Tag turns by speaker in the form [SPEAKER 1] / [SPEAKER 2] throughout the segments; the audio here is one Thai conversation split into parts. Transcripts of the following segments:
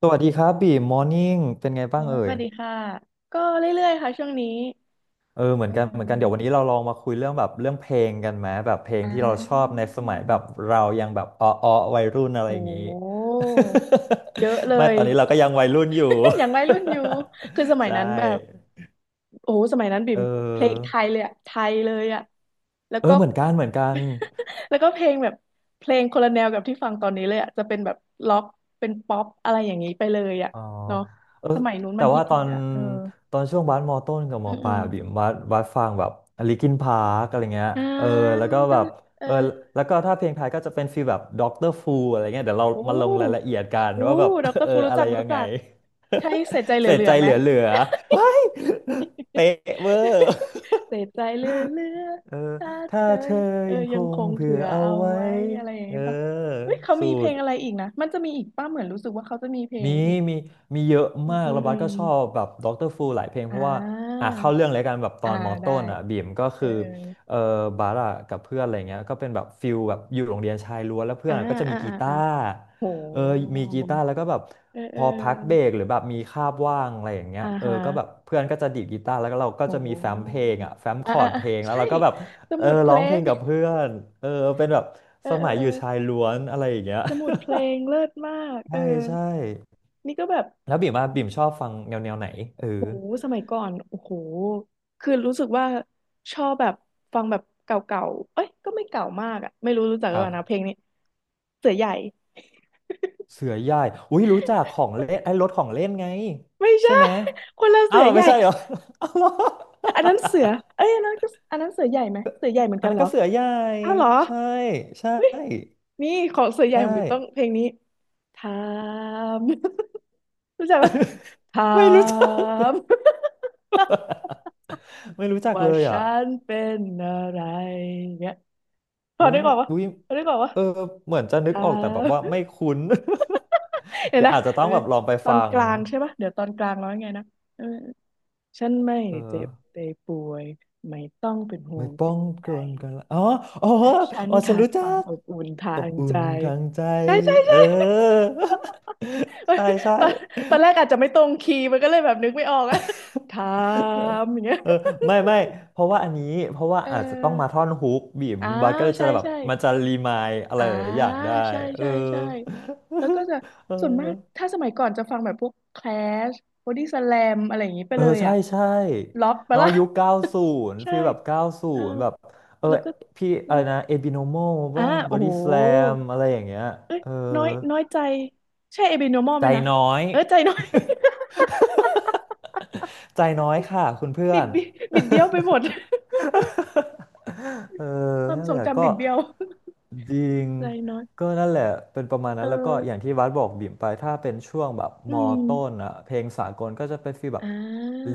[SPEAKER 1] สวัสดีครับบีมมอร์นิ่งเป็นไงบ้า
[SPEAKER 2] โอ้
[SPEAKER 1] ง
[SPEAKER 2] ย
[SPEAKER 1] เอ่
[SPEAKER 2] ส
[SPEAKER 1] ย
[SPEAKER 2] วัสดีค่ะก็เรื่อยๆค่ะช่วงนี้
[SPEAKER 1] เออเหมือ
[SPEAKER 2] เอ
[SPEAKER 1] นกันเห
[SPEAKER 2] ม
[SPEAKER 1] มือนกันเดี๋ยววันนี้เราลองมาคุยเรื่องแบบเรื่องเพลงกันไหมแบบเพลง
[SPEAKER 2] อ่า
[SPEAKER 1] ที่เราชอบในสมัยแบบเรายังแบบอ้อออวัยรุ่นอะไร
[SPEAKER 2] โอ
[SPEAKER 1] อย่างนี้
[SPEAKER 2] ้เยอะเล
[SPEAKER 1] ไม่
[SPEAKER 2] ย
[SPEAKER 1] ตอนนี้เราก็ยังวัยรุ่นอยู่
[SPEAKER 2] อย่างวัยรุ่นอยู่คือส มั
[SPEAKER 1] ใช
[SPEAKER 2] ยนั้นแบบ
[SPEAKER 1] ่
[SPEAKER 2] โอ้โหสมัยนั้นบิ่
[SPEAKER 1] เ
[SPEAKER 2] มเพลง
[SPEAKER 1] ออ
[SPEAKER 2] ไทยเลยอะไทยเลยอะแล้ว
[SPEAKER 1] เอ
[SPEAKER 2] ก็
[SPEAKER 1] อเหมือนกันเหมือนกัน
[SPEAKER 2] แล้วก็เพลงแบบเพลงคนละแนวกับที่ฟังตอนนี้เลยอะจะเป็นแบบล็อกเป็นป๊อปอะไรอย่างนี้ไปเลยอะ
[SPEAKER 1] อ๋อ
[SPEAKER 2] เนาะ
[SPEAKER 1] เออ
[SPEAKER 2] สมัยนู้น
[SPEAKER 1] แต่
[SPEAKER 2] มันฮิ
[SPEAKER 1] ว่าตอ
[SPEAKER 2] ต
[SPEAKER 1] น
[SPEAKER 2] ๆอะเออ
[SPEAKER 1] ตอนช่วงบาสมอต้นกับม
[SPEAKER 2] อื
[SPEAKER 1] อ
[SPEAKER 2] ม
[SPEAKER 1] ป
[SPEAKER 2] อื
[SPEAKER 1] ลาย
[SPEAKER 2] ม
[SPEAKER 1] อะบิ่มบาสฟังแบบลิคินพาร์กอะไรเงี้ย
[SPEAKER 2] อ่า
[SPEAKER 1] เออแล้วก็
[SPEAKER 2] ก็
[SPEAKER 1] แบบ
[SPEAKER 2] คือเออ
[SPEAKER 1] เออแล้วก็ถ้าเพลงไทยก็จะเป็นฟีลแบบด็อกเตอร์ฟูอะไรเงี้ยเดี๋ยวเรา
[SPEAKER 2] โอ้
[SPEAKER 1] มาลงรายละเอียดกัน
[SPEAKER 2] อู้
[SPEAKER 1] ว่าแบบ
[SPEAKER 2] ดอกอ ร
[SPEAKER 1] เออ
[SPEAKER 2] ฟูรู้
[SPEAKER 1] อะไร
[SPEAKER 2] จัก
[SPEAKER 1] ยั
[SPEAKER 2] รู้
[SPEAKER 1] งไง
[SPEAKER 2] จัก ใช่เสียใจ เห
[SPEAKER 1] เสีย
[SPEAKER 2] ลื
[SPEAKER 1] ใจ
[SPEAKER 2] อๆ
[SPEAKER 1] เ
[SPEAKER 2] ไหม
[SPEAKER 1] หลือๆว้าย เป๊ะเวอร์
[SPEAKER 2] เสี ยใจเหลือ
[SPEAKER 1] เออ
[SPEAKER 2] ๆถ้า
[SPEAKER 1] ถ้า
[SPEAKER 2] เธอ
[SPEAKER 1] เธอ
[SPEAKER 2] เออ
[SPEAKER 1] ยังค
[SPEAKER 2] ยังค
[SPEAKER 1] ง
[SPEAKER 2] ง
[SPEAKER 1] เผื่อ
[SPEAKER 2] เผื่อ
[SPEAKER 1] เอา
[SPEAKER 2] เอา
[SPEAKER 1] ไว้
[SPEAKER 2] ไว้อะไรอย่าง
[SPEAKER 1] เออ
[SPEAKER 2] นี้ปะเฮ้ยเขา
[SPEAKER 1] สู
[SPEAKER 2] มีเพล
[SPEAKER 1] ตร
[SPEAKER 2] งอะไรอีกนะมันจะมีอีกป้าเหมือนรู้สึกว่าเขาจะมีเพล
[SPEAKER 1] มี
[SPEAKER 2] งอีก
[SPEAKER 1] มีมีเยอะ
[SPEAKER 2] อืม
[SPEAKER 1] มาก
[SPEAKER 2] อืม
[SPEAKER 1] แล้วบั
[SPEAKER 2] อื
[SPEAKER 1] ส
[SPEAKER 2] ม
[SPEAKER 1] ก็ชอบแบบด็อกเตอร์ฟูหลายเพลงเพ
[SPEAKER 2] อ่
[SPEAKER 1] ราะว่า
[SPEAKER 2] า
[SPEAKER 1] อ่ะเข้าเรื่องเลยกันแบบตอ
[SPEAKER 2] อ่า
[SPEAKER 1] นมอ
[SPEAKER 2] ได้
[SPEAKER 1] ต้นอ่ะบีมก็
[SPEAKER 2] เออ
[SPEAKER 1] คือเออบัสอ่ะกับเพื่อนอะไรเงี้ยก็เป็นแบบฟิลแบบอยู่โรงเรียนชายล้วนแล้วเพื่
[SPEAKER 2] เอ
[SPEAKER 1] อน
[SPEAKER 2] อ
[SPEAKER 1] อะก็จะมี
[SPEAKER 2] อ่า
[SPEAKER 1] กี
[SPEAKER 2] อ่าอ่า
[SPEAKER 1] ตา
[SPEAKER 2] อ่า
[SPEAKER 1] ร์
[SPEAKER 2] โห
[SPEAKER 1] เออมีกีตาร์แล้วก็แบบ
[SPEAKER 2] เออ
[SPEAKER 1] พ
[SPEAKER 2] เออ
[SPEAKER 1] อพักเบรกหรือแบบมีคาบว่างอะไรอย่างเงี้ย
[SPEAKER 2] อ่า
[SPEAKER 1] เออ
[SPEAKER 2] ฮะ
[SPEAKER 1] ก็แบบเพื่อนก็จะดีดกีตาร์แล้วก็เราก็จะ
[SPEAKER 2] โห
[SPEAKER 1] มีแฟ้มเพลงอ่ะแฟ้มค
[SPEAKER 2] อ่า
[SPEAKER 1] อร์
[SPEAKER 2] อ่า
[SPEAKER 1] ดเพ
[SPEAKER 2] อ่า
[SPEAKER 1] ลงแล้ว
[SPEAKER 2] ใช่
[SPEAKER 1] เราก็แบบ
[SPEAKER 2] ส
[SPEAKER 1] เออ
[SPEAKER 2] มุดเพ
[SPEAKER 1] ร้อ
[SPEAKER 2] ล
[SPEAKER 1] งเพล
[SPEAKER 2] ง
[SPEAKER 1] งกับเพื่อน
[SPEAKER 2] เออเออเออ สมุดเพลงเลิศมากเออ นี่ก็แบบ
[SPEAKER 1] แล้วบิ่มว่าบิ่มชอบฟังแนวแนวไหนเออ
[SPEAKER 2] โหสมัยก่อนโอ้โหคือรู้สึกว่าชอบแบบฟังแบบเก่าๆเอ้ยก็ไม่เก่ามากอ่ะไม่รู้รู้จัก
[SPEAKER 1] ค
[SPEAKER 2] หรือ
[SPEAKER 1] รั
[SPEAKER 2] เป
[SPEAKER 1] บ
[SPEAKER 2] ล่านะเพลงนี้เสือใหญ่
[SPEAKER 1] เสือใหญ่อุ้ยรู้จักของเล่นไอ้รถของเล่นไง
[SPEAKER 2] ไม่
[SPEAKER 1] ใช่
[SPEAKER 2] ใช่
[SPEAKER 1] ไหม
[SPEAKER 2] คนละ
[SPEAKER 1] อ้า
[SPEAKER 2] เสื
[SPEAKER 1] ว
[SPEAKER 2] อ
[SPEAKER 1] เหรอ
[SPEAKER 2] ให
[SPEAKER 1] ไม่
[SPEAKER 2] ญ่
[SPEAKER 1] ใช่เหรออ้าวเหรอ
[SPEAKER 2] อันนั้นเสือเอ้ยอันนั้นก็อันนั้นเสือใหญ่ไหมเสือ ใหญ่เหมือน
[SPEAKER 1] อัน
[SPEAKER 2] กัน
[SPEAKER 1] นั้น
[SPEAKER 2] เหรอ
[SPEAKER 1] ก็เสือใหญ่
[SPEAKER 2] อ้าวเหรอ
[SPEAKER 1] ใช่ใช่
[SPEAKER 2] เฮ้ยนี่ของเสือให
[SPEAKER 1] ใช
[SPEAKER 2] ญ่ผมต้องเพ
[SPEAKER 1] ่
[SPEAKER 2] ลงนี้ถาม รู้จักปะถา
[SPEAKER 1] ไม่รู้จัก
[SPEAKER 2] ม
[SPEAKER 1] ไม่รู้จัก
[SPEAKER 2] ว่า
[SPEAKER 1] เลยอ่ะ
[SPEAKER 2] ฉันเป็นอะไรเนี่ยพอ
[SPEAKER 1] อุ้ย
[SPEAKER 2] ได้ก่อนวะ
[SPEAKER 1] อุ้ย
[SPEAKER 2] พอได้ก่อนวะ
[SPEAKER 1] เออเหมือนจะนึก
[SPEAKER 2] อ่า
[SPEAKER 1] ออกแต่แบบว่า ไม่คุ้น
[SPEAKER 2] เดี๋ยว
[SPEAKER 1] เดี๋ยว
[SPEAKER 2] นะ
[SPEAKER 1] อาจจะต้
[SPEAKER 2] เอ
[SPEAKER 1] อ
[SPEAKER 2] อ
[SPEAKER 1] งแบบลองไป
[SPEAKER 2] ตอ
[SPEAKER 1] ฟั
[SPEAKER 2] น
[SPEAKER 1] ง
[SPEAKER 2] กลางใช่ปะเดี๋ยวตอนกลางร้องไงนะเออฉันไม่
[SPEAKER 1] เออ
[SPEAKER 2] เจ็บไม่ป่วยไม่ต้องเป็นห่
[SPEAKER 1] ไม่
[SPEAKER 2] วง
[SPEAKER 1] ป้อ
[SPEAKER 2] เป็น
[SPEAKER 1] ง
[SPEAKER 2] ใย
[SPEAKER 1] กันกันละอ๋อ
[SPEAKER 2] แต่ฉัน
[SPEAKER 1] อ๋อฉัน
[SPEAKER 2] ขาด
[SPEAKER 1] รู้
[SPEAKER 2] ค
[SPEAKER 1] จั
[SPEAKER 2] วาม
[SPEAKER 1] ก
[SPEAKER 2] อบอุ่นทา
[SPEAKER 1] อบ
[SPEAKER 2] ง
[SPEAKER 1] อุ่
[SPEAKER 2] ใจ
[SPEAKER 1] นทางใจ
[SPEAKER 2] ใช่ใช่
[SPEAKER 1] เอ
[SPEAKER 2] ใช่
[SPEAKER 1] อ
[SPEAKER 2] เอ้ย
[SPEAKER 1] ใช่ใช่
[SPEAKER 2] ตอนตอนแรกอาจจะไม่ตรงคีย์มันก็เลยแบบนึกไม่ออกอะ ถา
[SPEAKER 1] เออ
[SPEAKER 2] มอย่างเงี้ย
[SPEAKER 1] เออไม่ไม่เพราะว่าอันนี้เพราะว่า
[SPEAKER 2] เอ
[SPEAKER 1] อาจจะต้องมา
[SPEAKER 2] อ
[SPEAKER 1] ท่อนฮุกบีม
[SPEAKER 2] อ่า
[SPEAKER 1] บัสก็เลยจะ
[SPEAKER 2] ใช่
[SPEAKER 1] แบบ
[SPEAKER 2] ใช่
[SPEAKER 1] มันจะรีมายอะไร
[SPEAKER 2] อ่า
[SPEAKER 1] หลายๆอย่างได้
[SPEAKER 2] ใช่
[SPEAKER 1] เออ
[SPEAKER 2] ใช่ใช่แล้วก็จะ
[SPEAKER 1] เออ
[SPEAKER 2] ส่วนมากถ้าสมัยก่อนจะฟังแบบพวก Clash Body Slam อะไรอย่างนี้ไป
[SPEAKER 1] เออ
[SPEAKER 2] เลย
[SPEAKER 1] ใช่
[SPEAKER 2] อ่ะ
[SPEAKER 1] ใช่
[SPEAKER 2] ล็อกไป
[SPEAKER 1] เนาะ
[SPEAKER 2] ละ
[SPEAKER 1] ยุคเก้าศูนย์
[SPEAKER 2] ใช่
[SPEAKER 1] ฟีลแบบเก้าศู
[SPEAKER 2] เออ
[SPEAKER 1] นย์แบบเออ
[SPEAKER 2] แล้วก็
[SPEAKER 1] พี่อะไรนะเอบิโนโม
[SPEAKER 2] อ่า
[SPEAKER 1] ว่าบอ
[SPEAKER 2] โอ้
[SPEAKER 1] ดี้
[SPEAKER 2] โห
[SPEAKER 1] สแลมอะไรอย่างเงี้ย
[SPEAKER 2] เอ้ย
[SPEAKER 1] เออ
[SPEAKER 2] น้อยน้อยใจใช่ abnormal ไห
[SPEAKER 1] ใจ
[SPEAKER 2] มนะ
[SPEAKER 1] น้อย
[SPEAKER 2] เออใจน้อย
[SPEAKER 1] ใจน้อยค่ะคุณเพื่อ
[SPEAKER 2] บิด
[SPEAKER 1] น
[SPEAKER 2] บิดบิดเบี้ยวไปหมด
[SPEAKER 1] เออ
[SPEAKER 2] ความ
[SPEAKER 1] นั่
[SPEAKER 2] ท
[SPEAKER 1] น
[SPEAKER 2] ร
[SPEAKER 1] แห
[SPEAKER 2] ง
[SPEAKER 1] ละ
[SPEAKER 2] จำ
[SPEAKER 1] ก็
[SPEAKER 2] บิดเบี้ยว
[SPEAKER 1] จริง
[SPEAKER 2] ใจน้อย
[SPEAKER 1] ก็นั่นแหละเป็นประมาณนั้
[SPEAKER 2] เอ
[SPEAKER 1] นแล้วก็
[SPEAKER 2] อ
[SPEAKER 1] อย่างที่วัดบอกบิ่มไปถ้าเป็นช่วงแบบ
[SPEAKER 2] อื
[SPEAKER 1] มอ
[SPEAKER 2] ม
[SPEAKER 1] ต้นอะเพลงสากลก็จะเป็นฟีลแบ
[SPEAKER 2] อ่
[SPEAKER 1] บ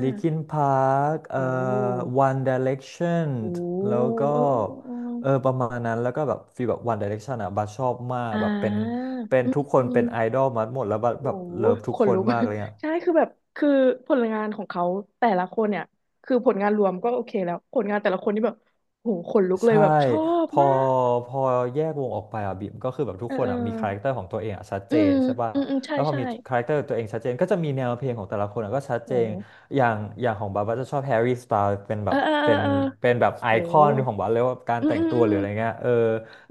[SPEAKER 1] Linkin Park
[SPEAKER 2] โอ้
[SPEAKER 1] One Direction
[SPEAKER 2] โอ้
[SPEAKER 1] แล้วก็
[SPEAKER 2] เออเออเอ
[SPEAKER 1] เออ
[SPEAKER 2] อ
[SPEAKER 1] ประมาณนั้นแล้วก็แบบฟีลแบบ One Direction อะบัสชอบมาก
[SPEAKER 2] อ่
[SPEAKER 1] แบบเป็น
[SPEAKER 2] าอืม
[SPEAKER 1] ทุกคน
[SPEAKER 2] อื
[SPEAKER 1] เป็นไอ
[SPEAKER 2] ม
[SPEAKER 1] ดอลมาหมดแล้วบัสแบ
[SPEAKER 2] โอ้
[SPEAKER 1] บ
[SPEAKER 2] โห
[SPEAKER 1] เลิฟทุ
[SPEAKER 2] ข
[SPEAKER 1] ก
[SPEAKER 2] น
[SPEAKER 1] ค
[SPEAKER 2] ลุ
[SPEAKER 1] น
[SPEAKER 2] ก
[SPEAKER 1] มากเลยอะ
[SPEAKER 2] ใช่คือแบบคือผลงานของเขาแต่ละคนเนี่ยคือผลงานรวมก็โอเคแล้วผลงานแต่ละคนนี่แบบโหขนลุกเลย
[SPEAKER 1] ใช่
[SPEAKER 2] แบบชอบ
[SPEAKER 1] พอ
[SPEAKER 2] มาก
[SPEAKER 1] พอแยกวงออกไปอ่ะบิมก็คือแบบทุ
[SPEAKER 2] เอ
[SPEAKER 1] ก
[SPEAKER 2] อ
[SPEAKER 1] คน
[SPEAKER 2] เออ
[SPEAKER 1] อ่ะมีคาแรคเตอร์ของตัวเองอ่ะชัด
[SPEAKER 2] อื
[SPEAKER 1] เจ
[SPEAKER 2] ม
[SPEAKER 1] นใช่ป่ะ
[SPEAKER 2] อืมอืมใช่
[SPEAKER 1] แล้วพอ
[SPEAKER 2] ใช่
[SPEAKER 1] มีคาแรคเตอร์ตัวเองชัดเจนก็จะมีแนวเพลงของแต่ละคนอ่ะก็ชัด
[SPEAKER 2] โ
[SPEAKER 1] เจน
[SPEAKER 2] ห
[SPEAKER 1] อย่างของบาบาจะชอบแฮร์รี่สไตล์เป็นแบ
[SPEAKER 2] เออ
[SPEAKER 1] บ
[SPEAKER 2] เออเออ
[SPEAKER 1] เป็น
[SPEAKER 2] เออ
[SPEAKER 1] แบบไอ
[SPEAKER 2] โห
[SPEAKER 1] คอนของบาเลยว่าการ
[SPEAKER 2] อืม
[SPEAKER 1] แต่
[SPEAKER 2] อื
[SPEAKER 1] ง
[SPEAKER 2] ม
[SPEAKER 1] ตัว
[SPEAKER 2] อื
[SPEAKER 1] หรื
[SPEAKER 2] ม
[SPEAKER 1] ออะไรเงี้ยเออ
[SPEAKER 2] โ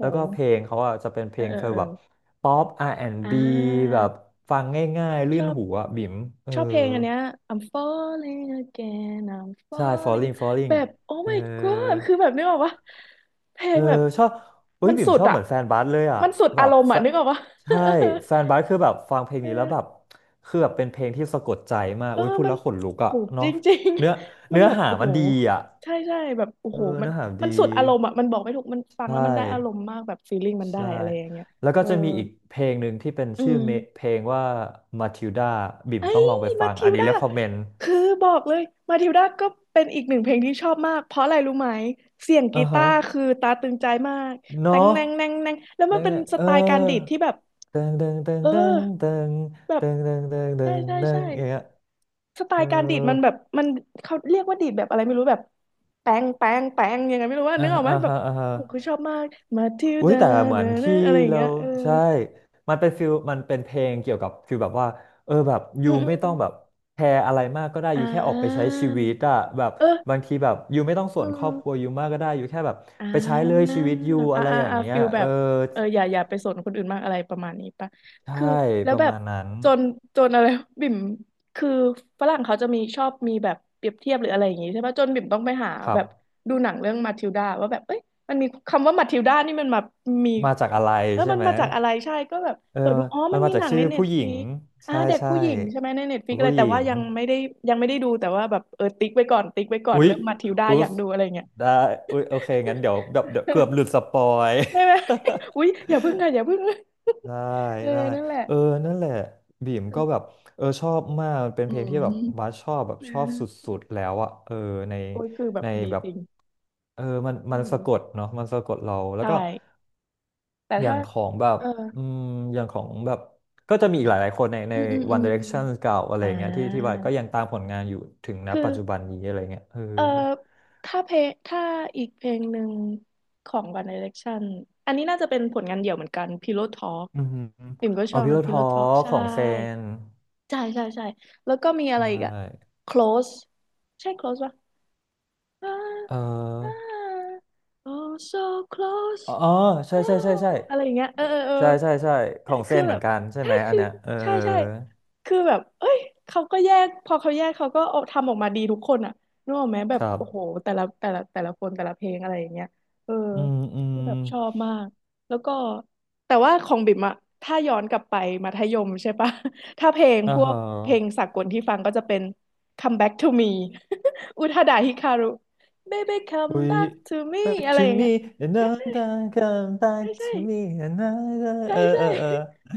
[SPEAKER 1] แล้วก็เพลงเขาอ่ะจะเป็นเพ
[SPEAKER 2] เอ
[SPEAKER 1] ล
[SPEAKER 2] อ
[SPEAKER 1] ง
[SPEAKER 2] เออ
[SPEAKER 1] เธอ
[SPEAKER 2] เออ
[SPEAKER 1] แบบป๊อป
[SPEAKER 2] อ่า
[SPEAKER 1] R&B แอนด์บแบบฟังง่ายๆลื่
[SPEAKER 2] ช
[SPEAKER 1] น
[SPEAKER 2] อบ
[SPEAKER 1] หูอ่ะบิมเออ
[SPEAKER 2] ชอบเพลงอันเนี้ย I'm falling again I'm
[SPEAKER 1] ใช่
[SPEAKER 2] falling
[SPEAKER 1] Falling
[SPEAKER 2] again แบ
[SPEAKER 1] Falling
[SPEAKER 2] บ oh
[SPEAKER 1] เอ
[SPEAKER 2] my god
[SPEAKER 1] อ
[SPEAKER 2] คือแบบนึกออกว่าเพล
[SPEAKER 1] เอ
[SPEAKER 2] ง
[SPEAKER 1] อ
[SPEAKER 2] แบบ
[SPEAKER 1] ชอบเฮ้ย
[SPEAKER 2] มัน
[SPEAKER 1] บิ่ม
[SPEAKER 2] สุด
[SPEAKER 1] ชอบเห
[SPEAKER 2] อ่ะ
[SPEAKER 1] มือนแฟนบาสเลยอ่ะ
[SPEAKER 2] มันสุด
[SPEAKER 1] แบ
[SPEAKER 2] อาร
[SPEAKER 1] บ
[SPEAKER 2] มณ์อ่ะนึกออกว่า
[SPEAKER 1] ใช่แฟนบาสคือแบบฟังเพลง นี้แล้ว
[SPEAKER 2] เออ
[SPEAKER 1] แบบคือแบบเป็นเพลงที่สะกดใจมาก
[SPEAKER 2] เออ
[SPEAKER 1] อุ้ยพูด
[SPEAKER 2] มัน
[SPEAKER 1] แล้วขนลุก
[SPEAKER 2] โห
[SPEAKER 1] อ่ะ
[SPEAKER 2] จ
[SPEAKER 1] เนาะ
[SPEAKER 2] ริง
[SPEAKER 1] เนื้อ
[SPEAKER 2] ๆ มัน
[SPEAKER 1] เนื้อ
[SPEAKER 2] แบบ
[SPEAKER 1] หา
[SPEAKER 2] โอ้โห
[SPEAKER 1] มันดีอ่ะ
[SPEAKER 2] ใช่ใช่แบบโอ้
[SPEAKER 1] เออ
[SPEAKER 2] โหมัน
[SPEAKER 1] เนื้อหาดี
[SPEAKER 2] มันสุดอารมณ์อ่ะมันบอกไม่ถูกมันฟัง
[SPEAKER 1] ใช่
[SPEAKER 2] แล้วมันได้อารมณ์มากแบบฟีลลิ่งมันได้
[SPEAKER 1] ใช่
[SPEAKER 2] อะไรอย่างเงี้ย
[SPEAKER 1] แล้วก็
[SPEAKER 2] เออ
[SPEAKER 1] จะมีอีกเพลงหนึ่งที่เป็น
[SPEAKER 2] อื
[SPEAKER 1] ชื่อ
[SPEAKER 2] ม
[SPEAKER 1] เพลงว่ามาทิลดาบิ่มต้องลองไปฟั
[SPEAKER 2] มา
[SPEAKER 1] ง
[SPEAKER 2] ทิ
[SPEAKER 1] อัน
[SPEAKER 2] ว
[SPEAKER 1] นี้
[SPEAKER 2] ดา
[SPEAKER 1] r e คคอมเมนต์
[SPEAKER 2] คือบอกเลยมาทิวดาก็เป็นอีกหนึ่งเพลงที่ชอบมากเพราะอะไรรู้ไหมเสียง
[SPEAKER 1] อ่า
[SPEAKER 2] กี
[SPEAKER 1] ฮะ
[SPEAKER 2] ตาร์คือตาตึงใจมากแตง
[SPEAKER 1] เนาะ
[SPEAKER 2] แนงแนงแนงแล้ว
[SPEAKER 1] แล้
[SPEAKER 2] มัน
[SPEAKER 1] ว
[SPEAKER 2] เป็น
[SPEAKER 1] เนี่ย
[SPEAKER 2] ส
[SPEAKER 1] เออ
[SPEAKER 2] ไตล์การดีดที่แบบ
[SPEAKER 1] เดิงเดิงเดิง
[SPEAKER 2] เออ
[SPEAKER 1] เดิงเดิง
[SPEAKER 2] แบบ
[SPEAKER 1] เดิงเดิงเดิงเดิ
[SPEAKER 2] ใช่
[SPEAKER 1] ง
[SPEAKER 2] ใช่
[SPEAKER 1] เดิ
[SPEAKER 2] ใช่
[SPEAKER 1] งอย่างเงี้ย
[SPEAKER 2] สไต
[SPEAKER 1] เออ
[SPEAKER 2] ล์การดีดมันแบบมันเขาเรียกว่าดีดแบบอะไรไม่รู้แบบแปงแปงแปงยังไงไม่รู้ว่า
[SPEAKER 1] อ่า
[SPEAKER 2] นึกออกไหมแบบ
[SPEAKER 1] อ่าฮะ
[SPEAKER 2] โอ้โหคือชอบมากมาทิว
[SPEAKER 1] อุ้ย
[SPEAKER 2] ดา
[SPEAKER 1] แต่เหมื
[SPEAKER 2] เน
[SPEAKER 1] อนที่
[SPEAKER 2] อะอะไรอย่าง
[SPEAKER 1] เรา
[SPEAKER 2] เงี้ยเออ
[SPEAKER 1] ใช่มันเป็นฟิลมันเป็นเพลงเกี่ยวกับฟิลแบบว่าเออแบบ
[SPEAKER 2] อื
[SPEAKER 1] ยู
[SPEAKER 2] มอื
[SPEAKER 1] ไม่
[SPEAKER 2] ม
[SPEAKER 1] ต้องแบบแคร์อะไรมากก็ได้
[SPEAKER 2] อ่
[SPEAKER 1] ยูแค่ออกไปใช้
[SPEAKER 2] า
[SPEAKER 1] ชีวิตอะแบบ
[SPEAKER 2] เออ
[SPEAKER 1] บางทีแบบยูไม่ต้องส่
[SPEAKER 2] อื
[SPEAKER 1] วนครอบครัว
[SPEAKER 2] ม
[SPEAKER 1] ยูมากก็ได้ยูแค่แบบ
[SPEAKER 2] อ่
[SPEAKER 1] ไปใช้เลย
[SPEAKER 2] า
[SPEAKER 1] ชีวิตยู
[SPEAKER 2] อ่า
[SPEAKER 1] อะไร
[SPEAKER 2] อ่า
[SPEAKER 1] อย่าง
[SPEAKER 2] อ่า
[SPEAKER 1] เงี้ย
[SPEAKER 2] ฟิล
[SPEAKER 1] เอ
[SPEAKER 2] แบ
[SPEAKER 1] อ
[SPEAKER 2] บเอออย่าไปสนคนอื่นมากอะไรประมาณนี้ปะ
[SPEAKER 1] ใช่
[SPEAKER 2] คือแล้
[SPEAKER 1] ป
[SPEAKER 2] ว
[SPEAKER 1] ระ
[SPEAKER 2] แบบ
[SPEAKER 1] มาณนั้น
[SPEAKER 2] จนจนอะไร บิ่ม คือฝรั่งเขาจะมีชอบมีแบบเปรียบเทียบหรืออะไรอย่างงี้ใช่ปะจนบิ่มต้องไปหา
[SPEAKER 1] ครั
[SPEAKER 2] แบ
[SPEAKER 1] บ
[SPEAKER 2] บดูหนังเรื่องมาทิลดาว่าแบบเอ้ยมันมีคำว่ามาทิลดานี่มันมามี
[SPEAKER 1] มาจากอะไร
[SPEAKER 2] เออ
[SPEAKER 1] ใช่
[SPEAKER 2] มัน
[SPEAKER 1] ไหม
[SPEAKER 2] มาจากอะไรใช่ ก็แบบ
[SPEAKER 1] เออ
[SPEAKER 2] เปิดดูอ๋อ
[SPEAKER 1] มัน
[SPEAKER 2] มัน
[SPEAKER 1] มา
[SPEAKER 2] มี
[SPEAKER 1] จา
[SPEAKER 2] ห
[SPEAKER 1] ก
[SPEAKER 2] นัง
[SPEAKER 1] ชื่
[SPEAKER 2] ใน
[SPEAKER 1] อ
[SPEAKER 2] เน็
[SPEAKER 1] ผู้
[SPEAKER 2] ต
[SPEAKER 1] หญิ
[SPEAKER 2] ฟลิ
[SPEAKER 1] ง
[SPEAKER 2] กอ่า
[SPEAKER 1] ใช่
[SPEAKER 2] เด็ก
[SPEAKER 1] ใช่
[SPEAKER 2] ผู้หญิงใช่ไหมในเน็ตฟลิกอะไร
[SPEAKER 1] ผู้ห
[SPEAKER 2] แต่
[SPEAKER 1] ญิ
[SPEAKER 2] ว่า
[SPEAKER 1] ง
[SPEAKER 2] ยังไม่ได้ยังไม่ได้ดูแต่ว่าแบบเออติ๊กไว้ก่อนติ๊กไว้ก่อน
[SPEAKER 1] อุ๊ย
[SPEAKER 2] เรื่องมาทิลดา
[SPEAKER 1] อุ๊
[SPEAKER 2] อยา
[SPEAKER 1] ย
[SPEAKER 2] กดูอะไรเงี้ย
[SPEAKER 1] ได้อุ๊ยโอเคงั้นเดี๋ยวเกือบหลุดสปอย
[SPEAKER 2] ใช่ไหม อุ๊ยอย่าพึ่งค่ะอย่าพึ่ง
[SPEAKER 1] ได้
[SPEAKER 2] เออ
[SPEAKER 1] ได้
[SPEAKER 2] นั่นแหละ
[SPEAKER 1] เออ นั่นแหละบีม
[SPEAKER 2] คื
[SPEAKER 1] ก็
[SPEAKER 2] อ
[SPEAKER 1] แบบเออชอบมากมันเป็น
[SPEAKER 2] อื
[SPEAKER 1] เพลงที่
[SPEAKER 2] ม
[SPEAKER 1] แบบ บัสชอบแบบ
[SPEAKER 2] เอ
[SPEAKER 1] ชอบส
[SPEAKER 2] อ
[SPEAKER 1] ุดๆแล้วอะเออ ใน
[SPEAKER 2] โอ้ยคือแบบ
[SPEAKER 1] ใน
[SPEAKER 2] ดี
[SPEAKER 1] แบบ
[SPEAKER 2] จริง
[SPEAKER 1] เออมันมั
[SPEAKER 2] อื
[SPEAKER 1] นสะกด
[SPEAKER 2] ม
[SPEAKER 1] เนาะมันสะกดเรา แล้
[SPEAKER 2] ใช
[SPEAKER 1] วก็
[SPEAKER 2] ่แต่
[SPEAKER 1] อย่า
[SPEAKER 2] ถ้า
[SPEAKER 1] งของแบบ
[SPEAKER 2] เออ
[SPEAKER 1] อืมอย่างของแบบก็จะมีอีกหลายๆคนในใน
[SPEAKER 2] อืมอืมอื
[SPEAKER 1] One
[SPEAKER 2] ม
[SPEAKER 1] Direction เก่าอะไร
[SPEAKER 2] อ่
[SPEAKER 1] เงี้ยที่ที่ว่า
[SPEAKER 2] า
[SPEAKER 1] ก็ยังตามผลงานอยู่ถึงณ
[SPEAKER 2] คือ
[SPEAKER 1] ปัจจุบันนี้อะไรเงี้ยเออ
[SPEAKER 2] เออถ้าเพลงถ้าอีกเพลงหนึ่งของ One Direction อันนี้น่าจะเป็นผลงานเดี่ยวเหมือนกัน Pillow Talk
[SPEAKER 1] อืม
[SPEAKER 2] ปิ่มก็ช
[SPEAKER 1] เอา
[SPEAKER 2] อบ
[SPEAKER 1] พิโลทอ
[SPEAKER 2] Pillow Talk
[SPEAKER 1] ข
[SPEAKER 2] ใช่
[SPEAKER 1] องเซน
[SPEAKER 2] ใช่ใช่ใช่แล้วก็มีอะ
[SPEAKER 1] ใช
[SPEAKER 2] ไรอีกอะ
[SPEAKER 1] ่
[SPEAKER 2] Close ใช่ Close ปะ ah,
[SPEAKER 1] เอ
[SPEAKER 2] ah,
[SPEAKER 1] อ
[SPEAKER 2] ah. oh so close
[SPEAKER 1] อ๋อใช่ใช่ใช่
[SPEAKER 2] oh
[SPEAKER 1] ใช่
[SPEAKER 2] อะไรอย่างเงี้ยเออเออ
[SPEAKER 1] ใช่ใช่ใช่ข
[SPEAKER 2] เออ
[SPEAKER 1] องเซ
[SPEAKER 2] คือ
[SPEAKER 1] นเห
[SPEAKER 2] แบ
[SPEAKER 1] มือน
[SPEAKER 2] บ
[SPEAKER 1] กันใช่
[SPEAKER 2] ใช่
[SPEAKER 1] ไหมอัน
[SPEAKER 2] คือ
[SPEAKER 1] เนี้ยเออ
[SPEAKER 2] ใช่ใช่คือแบบเอ้ยเขาก็แยกพอเขาแยก เขาก็เอาทำออกมาดีทุกคนอ่ะนึกออกไหมแบ
[SPEAKER 1] ค
[SPEAKER 2] บ
[SPEAKER 1] รับ
[SPEAKER 2] โอ้โหแต่ละคนแต่ละเพลงอะไรอย่างเงี้ยเออ
[SPEAKER 1] อืมอื
[SPEAKER 2] คื
[SPEAKER 1] ม
[SPEAKER 2] อแบบชอบมากแล้วก็แต่ว่าของบิ่มอะถ้าย้อนกลับไปมัธยมใช่ปะ ถ้าเพลง
[SPEAKER 1] อ่า
[SPEAKER 2] พว
[SPEAKER 1] ฮะ
[SPEAKER 2] กเพลงสากลที่ฟังก็จะเป็น Come Back to Me อุทาดาฮิคารุ baby
[SPEAKER 1] w
[SPEAKER 2] come back
[SPEAKER 1] a
[SPEAKER 2] to me
[SPEAKER 1] back
[SPEAKER 2] อะไร
[SPEAKER 1] to
[SPEAKER 2] อย่างเงี้ย
[SPEAKER 1] me
[SPEAKER 2] ใช่ใช่
[SPEAKER 1] another come back to me
[SPEAKER 2] ใช่
[SPEAKER 1] another
[SPEAKER 2] ใช่
[SPEAKER 1] เออ
[SPEAKER 2] ใช่ใช่
[SPEAKER 1] เออเอ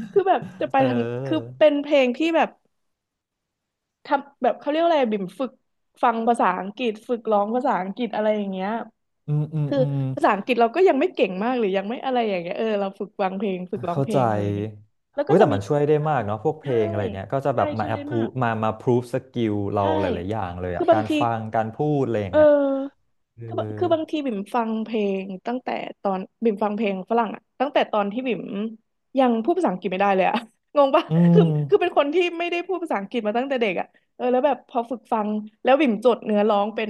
[SPEAKER 1] อ
[SPEAKER 2] คือแบบจะไป
[SPEAKER 1] เ
[SPEAKER 2] ทางคือ
[SPEAKER 1] ออ
[SPEAKER 2] เป็นเพลงที่แบบทำแบบเขาเรียกว่าอะไรบิ่มฝึกฟังภาษาอังกฤษฝึกร้องภาษาอังกฤษอะไรอย่างเงี้ย
[SPEAKER 1] อืมอืม
[SPEAKER 2] คือ
[SPEAKER 1] อืม
[SPEAKER 2] ภาษาอังกฤษเราก็ยังไม่เก่งมากหรือยังไม่อะไรอย่างเงี้ยเออเราฝึกฟังเพลงฝึกร้อง
[SPEAKER 1] เข้า
[SPEAKER 2] เพล
[SPEAKER 1] ใจ
[SPEAKER 2] งอะไรอย่างเงี้ยแล้วก็
[SPEAKER 1] เฮ้ย
[SPEAKER 2] จะ
[SPEAKER 1] แต่
[SPEAKER 2] มี
[SPEAKER 1] มันช่วยได้
[SPEAKER 2] เออ
[SPEAKER 1] มากเนาะพวกเพล
[SPEAKER 2] ใช่
[SPEAKER 1] งอะไรเงี้ยก็จะแบ
[SPEAKER 2] ใช่
[SPEAKER 1] บมา
[SPEAKER 2] ช่วย
[SPEAKER 1] แอ
[SPEAKER 2] ได้
[SPEAKER 1] ปพู
[SPEAKER 2] มาก
[SPEAKER 1] มามาพรูฟสกิลเรา
[SPEAKER 2] ใช่
[SPEAKER 1] หลายๆอย่างเลย
[SPEAKER 2] คื
[SPEAKER 1] อะ
[SPEAKER 2] อบา
[SPEAKER 1] กา
[SPEAKER 2] ง
[SPEAKER 1] ร
[SPEAKER 2] ที
[SPEAKER 1] ฟัง การพูดอะไรอย่าง
[SPEAKER 2] เอ
[SPEAKER 1] เงี้ย
[SPEAKER 2] อ
[SPEAKER 1] เออ
[SPEAKER 2] คือบางทีบิ่มฟังเพลงตั้งแต่ตอนบิ่มฟังเพลงฝรั่งอะตั้งแต่ตอนที่บิ่มยังพูดภาษาอังกฤษไม่ได้เลยอะ งงปะ
[SPEAKER 1] อื
[SPEAKER 2] คือคือเป็น
[SPEAKER 1] ม
[SPEAKER 2] คนที่ไม่ได้พูดภาษาอังกฤษมาตั้งแต่เด็กอะเออแล้วแบบพอฝึกฟังแล้วบิ่มจดเนื้อร้องเป็น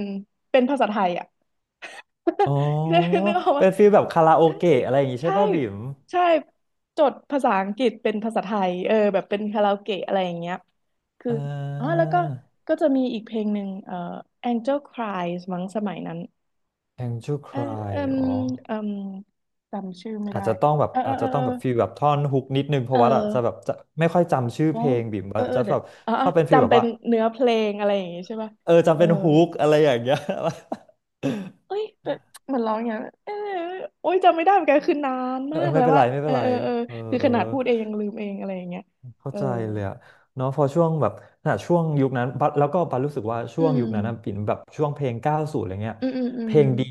[SPEAKER 2] เป็นภาษาไทยอะ
[SPEAKER 1] อ๋อ
[SPEAKER 2] นึกนึกออก
[SPEAKER 1] เป็
[SPEAKER 2] ว่า
[SPEAKER 1] นฟีลแบบคาราโอ
[SPEAKER 2] ใช่
[SPEAKER 1] เกะอะไรอย่างงี้ใช่
[SPEAKER 2] ใช่
[SPEAKER 1] ป่ะบิ่ม
[SPEAKER 2] ใช่จดภาษาอังกฤษเป็นภาษาไทยเออแบบเป็นคาราโอเกะอะไรอย่างเงี้ยคือ
[SPEAKER 1] อ่
[SPEAKER 2] อ๋อ
[SPEAKER 1] า
[SPEAKER 2] แล้วก็ก็จะมีอีกเพลงหนึ่งAngel Cries มั้งสมัยนั้น
[SPEAKER 1] Angel
[SPEAKER 2] เออเอ
[SPEAKER 1] Cry
[SPEAKER 2] ม
[SPEAKER 1] อ๋อ
[SPEAKER 2] เอมจำชื่อไม่
[SPEAKER 1] อาจ
[SPEAKER 2] ได้
[SPEAKER 1] จะต้องแบบ
[SPEAKER 2] เออเอ
[SPEAKER 1] อา
[SPEAKER 2] อ
[SPEAKER 1] จจะต้
[SPEAKER 2] เอ
[SPEAKER 1] อง
[SPEAKER 2] อ
[SPEAKER 1] แบบฟีลแบบท่อนฮุกนิดนึงเพ
[SPEAKER 2] เอ
[SPEAKER 1] ราะ
[SPEAKER 2] อเ
[SPEAKER 1] ว่า
[SPEAKER 2] อ
[SPEAKER 1] อะจะแบบ
[SPEAKER 2] อ
[SPEAKER 1] จะไม่ค่อยจำชื่อ
[SPEAKER 2] โอ้
[SPEAKER 1] เพลงบิ่ม
[SPEAKER 2] เอ
[SPEAKER 1] ว่า
[SPEAKER 2] อเออ
[SPEAKER 1] จะ
[SPEAKER 2] เดี๋ย
[SPEAKER 1] แบ
[SPEAKER 2] ว
[SPEAKER 1] บ
[SPEAKER 2] อ๋อ
[SPEAKER 1] ชอบเป็นฟีลแบ
[SPEAKER 2] จำ
[SPEAKER 1] บ
[SPEAKER 2] เป็น
[SPEAKER 1] ว่า
[SPEAKER 2] เนื้อเพลงอะไรอย่างงี้ใช่ป่ะ
[SPEAKER 1] เออจำ
[SPEAKER 2] เออ
[SPEAKER 1] เป็นฮุกอะไรอย่างเงี้ย
[SPEAKER 2] เอ้ยแบบเหมือนร้องอย่างเงี้ยเออโอ้ยจำไม่ได้เหมือนกันคือนาน
[SPEAKER 1] เออ
[SPEAKER 2] มาก
[SPEAKER 1] ไม่
[SPEAKER 2] แล้ว
[SPEAKER 1] เป็น
[SPEAKER 2] ว่า
[SPEAKER 1] ไรไม่
[SPEAKER 2] เอ
[SPEAKER 1] เป็
[SPEAKER 2] อ
[SPEAKER 1] นไร
[SPEAKER 2] เออเออ
[SPEAKER 1] เออ
[SPEAKER 2] คือ
[SPEAKER 1] เอ
[SPEAKER 2] ข
[SPEAKER 1] อ
[SPEAKER 2] นาดพูดเองยังลืมเองอะไรอย่างเงี้ย
[SPEAKER 1] เข้า
[SPEAKER 2] เออ
[SPEAKER 1] ใจเลยอะเนาะพอช่วงแบบน่ะช่วงยุคนั้นบัสแล้วก็บัสรู้สึกว่า
[SPEAKER 2] อื
[SPEAKER 1] ช่วงยุคนั้นนะปิ่น
[SPEAKER 2] ม
[SPEAKER 1] แบบช่วงเพลง90อะไรเงี้ย
[SPEAKER 2] อืมอืมอื
[SPEAKER 1] เพ
[SPEAKER 2] ม
[SPEAKER 1] ลงดี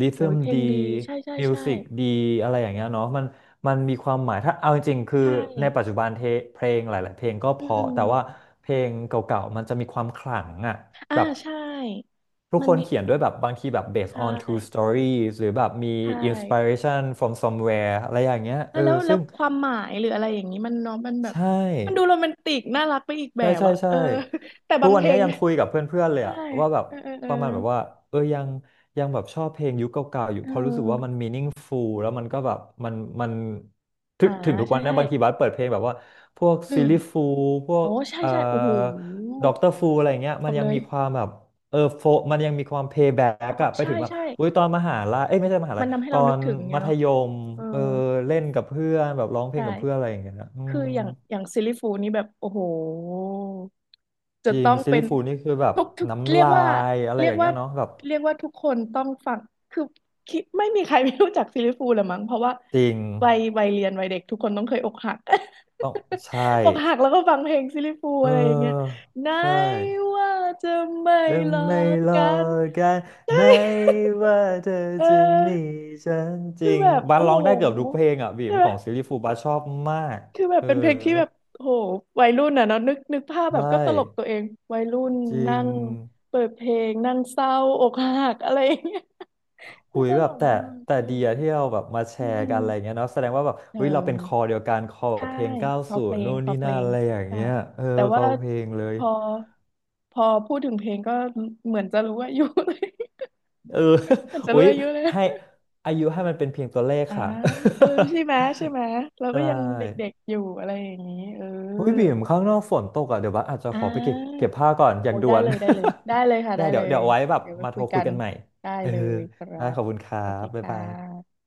[SPEAKER 1] ริ
[SPEAKER 2] โอ้
[SPEAKER 1] ทึ
[SPEAKER 2] ย
[SPEAKER 1] ม
[SPEAKER 2] เพล
[SPEAKER 1] ดี
[SPEAKER 2] งดีใช่ใช่
[SPEAKER 1] มิว
[SPEAKER 2] ใช่
[SPEAKER 1] สิกดีอะไรอย่างเงี้ยเนาะมันมีความหมายถ้าเอาจริงๆคือ
[SPEAKER 2] ใช่
[SPEAKER 1] ในปัจจุบันเทเพลงหลายๆเพลงก็เพ
[SPEAKER 2] อืม
[SPEAKER 1] ราะ
[SPEAKER 2] อืม
[SPEAKER 1] แต่ว่าเพลงเก่าๆมันจะมีความขลังอะ
[SPEAKER 2] อ่า
[SPEAKER 1] แบบ
[SPEAKER 2] ใช่
[SPEAKER 1] ทุก
[SPEAKER 2] มั
[SPEAKER 1] ค
[SPEAKER 2] น
[SPEAKER 1] น
[SPEAKER 2] มี
[SPEAKER 1] เขียนด้วยแบบบางทีแบบ
[SPEAKER 2] ใช
[SPEAKER 1] based on true
[SPEAKER 2] ่
[SPEAKER 1] stories หรือแบบมี
[SPEAKER 2] ใช่
[SPEAKER 1] inspiration from somewhere อะไรอย่างเงี้ย
[SPEAKER 2] แล้
[SPEAKER 1] เอ
[SPEAKER 2] วแล้
[SPEAKER 1] อ
[SPEAKER 2] วแล้
[SPEAKER 1] ซึ่
[SPEAKER 2] ว
[SPEAKER 1] ง
[SPEAKER 2] ความหมายหรืออะไรอย่างนี้มันเน้องมันแบ
[SPEAKER 1] ใช
[SPEAKER 2] บมันดู
[SPEAKER 1] ่
[SPEAKER 2] โรแมนติกน่ารักไปอีกแบ
[SPEAKER 1] ใช่
[SPEAKER 2] บ
[SPEAKER 1] ใช่
[SPEAKER 2] อะ
[SPEAKER 1] ใช่
[SPEAKER 2] เออแต่
[SPEAKER 1] ทุ
[SPEAKER 2] บา
[SPEAKER 1] ก
[SPEAKER 2] ง
[SPEAKER 1] วั
[SPEAKER 2] เพ
[SPEAKER 1] น
[SPEAKER 2] ล
[SPEAKER 1] นี้
[SPEAKER 2] ง
[SPEAKER 1] ยังคุยกับเพื่อนๆเลย
[SPEAKER 2] ใช่
[SPEAKER 1] อะว่าแบบ
[SPEAKER 2] เออเออเอ
[SPEAKER 1] ป
[SPEAKER 2] อ
[SPEAKER 1] ระมาณแบบว่าเออยังยังแบบชอบเพลงยุคเก่าๆอยู่
[SPEAKER 2] เอ
[SPEAKER 1] เพราะรู้สึกว่ามัน
[SPEAKER 2] อ
[SPEAKER 1] meaningful แล้วมันก็แบบมันมันถึ
[SPEAKER 2] อ่า
[SPEAKER 1] งถึงทุกวั
[SPEAKER 2] ใช่
[SPEAKER 1] นนะ
[SPEAKER 2] ใช่
[SPEAKER 1] บางทีบัสเปิดเพลงแบบว่าพวก
[SPEAKER 2] อื
[SPEAKER 1] ซิล
[SPEAKER 2] ม
[SPEAKER 1] ลี่ฟูลพว
[SPEAKER 2] โอ้
[SPEAKER 1] ก
[SPEAKER 2] ใช่
[SPEAKER 1] เอ่อ
[SPEAKER 2] ใช่โอ้โห
[SPEAKER 1] ด็อกเตอร์ฟูลอะไรเงี้ย
[SPEAKER 2] บ
[SPEAKER 1] มัน
[SPEAKER 2] อก
[SPEAKER 1] ยั
[SPEAKER 2] เล
[SPEAKER 1] ง
[SPEAKER 2] ย
[SPEAKER 1] มีความแบบเออโฟมันยังมีความเพย์แบ็
[SPEAKER 2] เพ
[SPEAKER 1] ก
[SPEAKER 2] ราะ
[SPEAKER 1] อะไป
[SPEAKER 2] ใช่
[SPEAKER 1] ถึงแบบ
[SPEAKER 2] ใช่
[SPEAKER 1] อุ้ยตอนมหาลัยเอ้ยไม่ใช่มหาลั
[SPEAKER 2] มัน
[SPEAKER 1] ย
[SPEAKER 2] ทำให้
[SPEAKER 1] ตอ
[SPEAKER 2] เรานึก
[SPEAKER 1] น
[SPEAKER 2] ถึงเนี่
[SPEAKER 1] มั
[SPEAKER 2] ย
[SPEAKER 1] ธ
[SPEAKER 2] เนาะ
[SPEAKER 1] ยม
[SPEAKER 2] เออ
[SPEAKER 1] เออเล่นกับเพื่อนแบบร้องเพลงกับเพื่อน
[SPEAKER 2] ใช่
[SPEAKER 1] อะไรอย่างเงี้ยนะอื
[SPEAKER 2] คือ
[SPEAKER 1] ม
[SPEAKER 2] อย่างอย่างซิลลี่ฟูลนี่แบบโอ้โหจะ
[SPEAKER 1] จริง
[SPEAKER 2] ต้อง
[SPEAKER 1] ซี
[SPEAKER 2] เป็
[SPEAKER 1] รี
[SPEAKER 2] น
[SPEAKER 1] ส์ฟูลนี่คือแบบ
[SPEAKER 2] ทุก
[SPEAKER 1] น้ำ
[SPEAKER 2] เรียก
[SPEAKER 1] ลา
[SPEAKER 2] ว่า
[SPEAKER 1] ยอะไร
[SPEAKER 2] เรี
[SPEAKER 1] อ
[SPEAKER 2] ยก
[SPEAKER 1] ย่างเงี้
[SPEAKER 2] ว่า
[SPEAKER 1] ยเนาะแบบ
[SPEAKER 2] เรียกว่าทุกคนต้องฟังคือคิดไม่มีใครไม่รู้จักซิลลี่ฟูลละมั้งเพราะว่า
[SPEAKER 1] จริง
[SPEAKER 2] วัยเรียนวัยเด็กทุกคนต้องเคยอกหัก
[SPEAKER 1] ต้องใช่
[SPEAKER 2] อกหักแล้วก็ฟังเพลงซิลลี่ฟูล
[SPEAKER 1] เ
[SPEAKER 2] อะไรอย่างเงี้ย
[SPEAKER 1] ออ
[SPEAKER 2] ไหน
[SPEAKER 1] ใช่
[SPEAKER 2] ว่าจะไม่
[SPEAKER 1] และ
[SPEAKER 2] หลอ
[SPEAKER 1] ไม่
[SPEAKER 2] ก
[SPEAKER 1] รอ
[SPEAKER 2] กัน
[SPEAKER 1] กัน
[SPEAKER 2] ใช่
[SPEAKER 1] ไหนว่าเธอ
[SPEAKER 2] เอ
[SPEAKER 1] จะมี
[SPEAKER 2] อ
[SPEAKER 1] ฉันจ
[SPEAKER 2] คื
[SPEAKER 1] ริ
[SPEAKER 2] อ
[SPEAKER 1] ง
[SPEAKER 2] แบบ
[SPEAKER 1] บ้าน
[SPEAKER 2] โอ้
[SPEAKER 1] ร้อง
[SPEAKER 2] โห
[SPEAKER 1] ได้เกือบทุกเพลงอ่ะบี
[SPEAKER 2] ใช่
[SPEAKER 1] ม
[SPEAKER 2] ไหม
[SPEAKER 1] ของซีรีส์ฟูลบ้านชอบมาก
[SPEAKER 2] คือแบ
[SPEAKER 1] เอ
[SPEAKER 2] บ
[SPEAKER 1] อ
[SPEAKER 2] เป็นเพลงที่แบบโอ้โหวัยรุ่นอ่ะเนาะนึกนึกภาพแบ
[SPEAKER 1] ใช่
[SPEAKER 2] บก็ตลกตัวเอง วัยรุ่น
[SPEAKER 1] จริ
[SPEAKER 2] นั่
[SPEAKER 1] ง
[SPEAKER 2] งเปิดเพลงนั่งเศร้าอกหักอะไรอย่างเงี้ย คื
[SPEAKER 1] หุ
[SPEAKER 2] อ
[SPEAKER 1] ย
[SPEAKER 2] ต
[SPEAKER 1] แบ
[SPEAKER 2] ล
[SPEAKER 1] บ
[SPEAKER 2] ก
[SPEAKER 1] แต่
[SPEAKER 2] มาก
[SPEAKER 1] แต่
[SPEAKER 2] เออ
[SPEAKER 1] เดียที่เราแบบมาแช
[SPEAKER 2] อื
[SPEAKER 1] ร์กันอะไร
[SPEAKER 2] ม
[SPEAKER 1] เงี้ยเนาะแสดงว่าแบบ
[SPEAKER 2] เออ
[SPEAKER 1] เฮ้ยเราเป็นคอเดียวกันคอแบ
[SPEAKER 2] ใช่
[SPEAKER 1] บเพลง
[SPEAKER 2] คอ
[SPEAKER 1] 90
[SPEAKER 2] เพลง
[SPEAKER 1] นู่น
[SPEAKER 2] คอ
[SPEAKER 1] นี่
[SPEAKER 2] เพ
[SPEAKER 1] นั่
[SPEAKER 2] ล
[SPEAKER 1] น
[SPEAKER 2] ง
[SPEAKER 1] อะไรอย่าง
[SPEAKER 2] ใช่
[SPEAKER 1] เงี้ยเออ
[SPEAKER 2] แต่
[SPEAKER 1] ค
[SPEAKER 2] ว่า
[SPEAKER 1] อเพลงเลย
[SPEAKER 2] พอพอพูดถึงเพลงก็เหมือนจะรู้อายุ เลย
[SPEAKER 1] เออ
[SPEAKER 2] เหมือนจะ
[SPEAKER 1] อุ๊
[SPEAKER 2] รู้
[SPEAKER 1] ย
[SPEAKER 2] อายุเลย
[SPEAKER 1] ให้อายุให้มันเป็นเพียงตัวเลข
[SPEAKER 2] อ่า
[SPEAKER 1] ค่ะ
[SPEAKER 2] เออใช่ไหมใช่ไหมเรา
[SPEAKER 1] ได
[SPEAKER 2] ก็ยังเด็
[SPEAKER 1] ้
[SPEAKER 2] กๆอยู่อะไรอย่างนี้เออ
[SPEAKER 1] อุ้ยบีมข้างนอกฝนตกอ่ะ เดี๋ยวบัสอาจจะ
[SPEAKER 2] อ่
[SPEAKER 1] ขอไปเก็บเก็
[SPEAKER 2] า
[SPEAKER 1] บผ้าก่อนอ
[SPEAKER 2] โอ้
[SPEAKER 1] ย่าง
[SPEAKER 2] ย
[SPEAKER 1] ด่
[SPEAKER 2] ได้
[SPEAKER 1] วน
[SPEAKER 2] เลยได้เลยได้เลย ค่ะ
[SPEAKER 1] ได้
[SPEAKER 2] ได้
[SPEAKER 1] เดี๋
[SPEAKER 2] เล
[SPEAKER 1] ยวเดี๋ย
[SPEAKER 2] ย
[SPEAKER 1] วเอาไว้แบบ
[SPEAKER 2] เดี๋ยวไป
[SPEAKER 1] มาโท
[SPEAKER 2] คุ
[SPEAKER 1] ร
[SPEAKER 2] ย
[SPEAKER 1] คุ
[SPEAKER 2] กั
[SPEAKER 1] ย
[SPEAKER 2] น
[SPEAKER 1] กันใหม่
[SPEAKER 2] ได้
[SPEAKER 1] เออ
[SPEAKER 2] เลยครั
[SPEAKER 1] ได้ข
[SPEAKER 2] บ
[SPEAKER 1] อบคุณครั
[SPEAKER 2] โอเค
[SPEAKER 1] บบ๊าย
[SPEAKER 2] ค่
[SPEAKER 1] บาย
[SPEAKER 2] ะ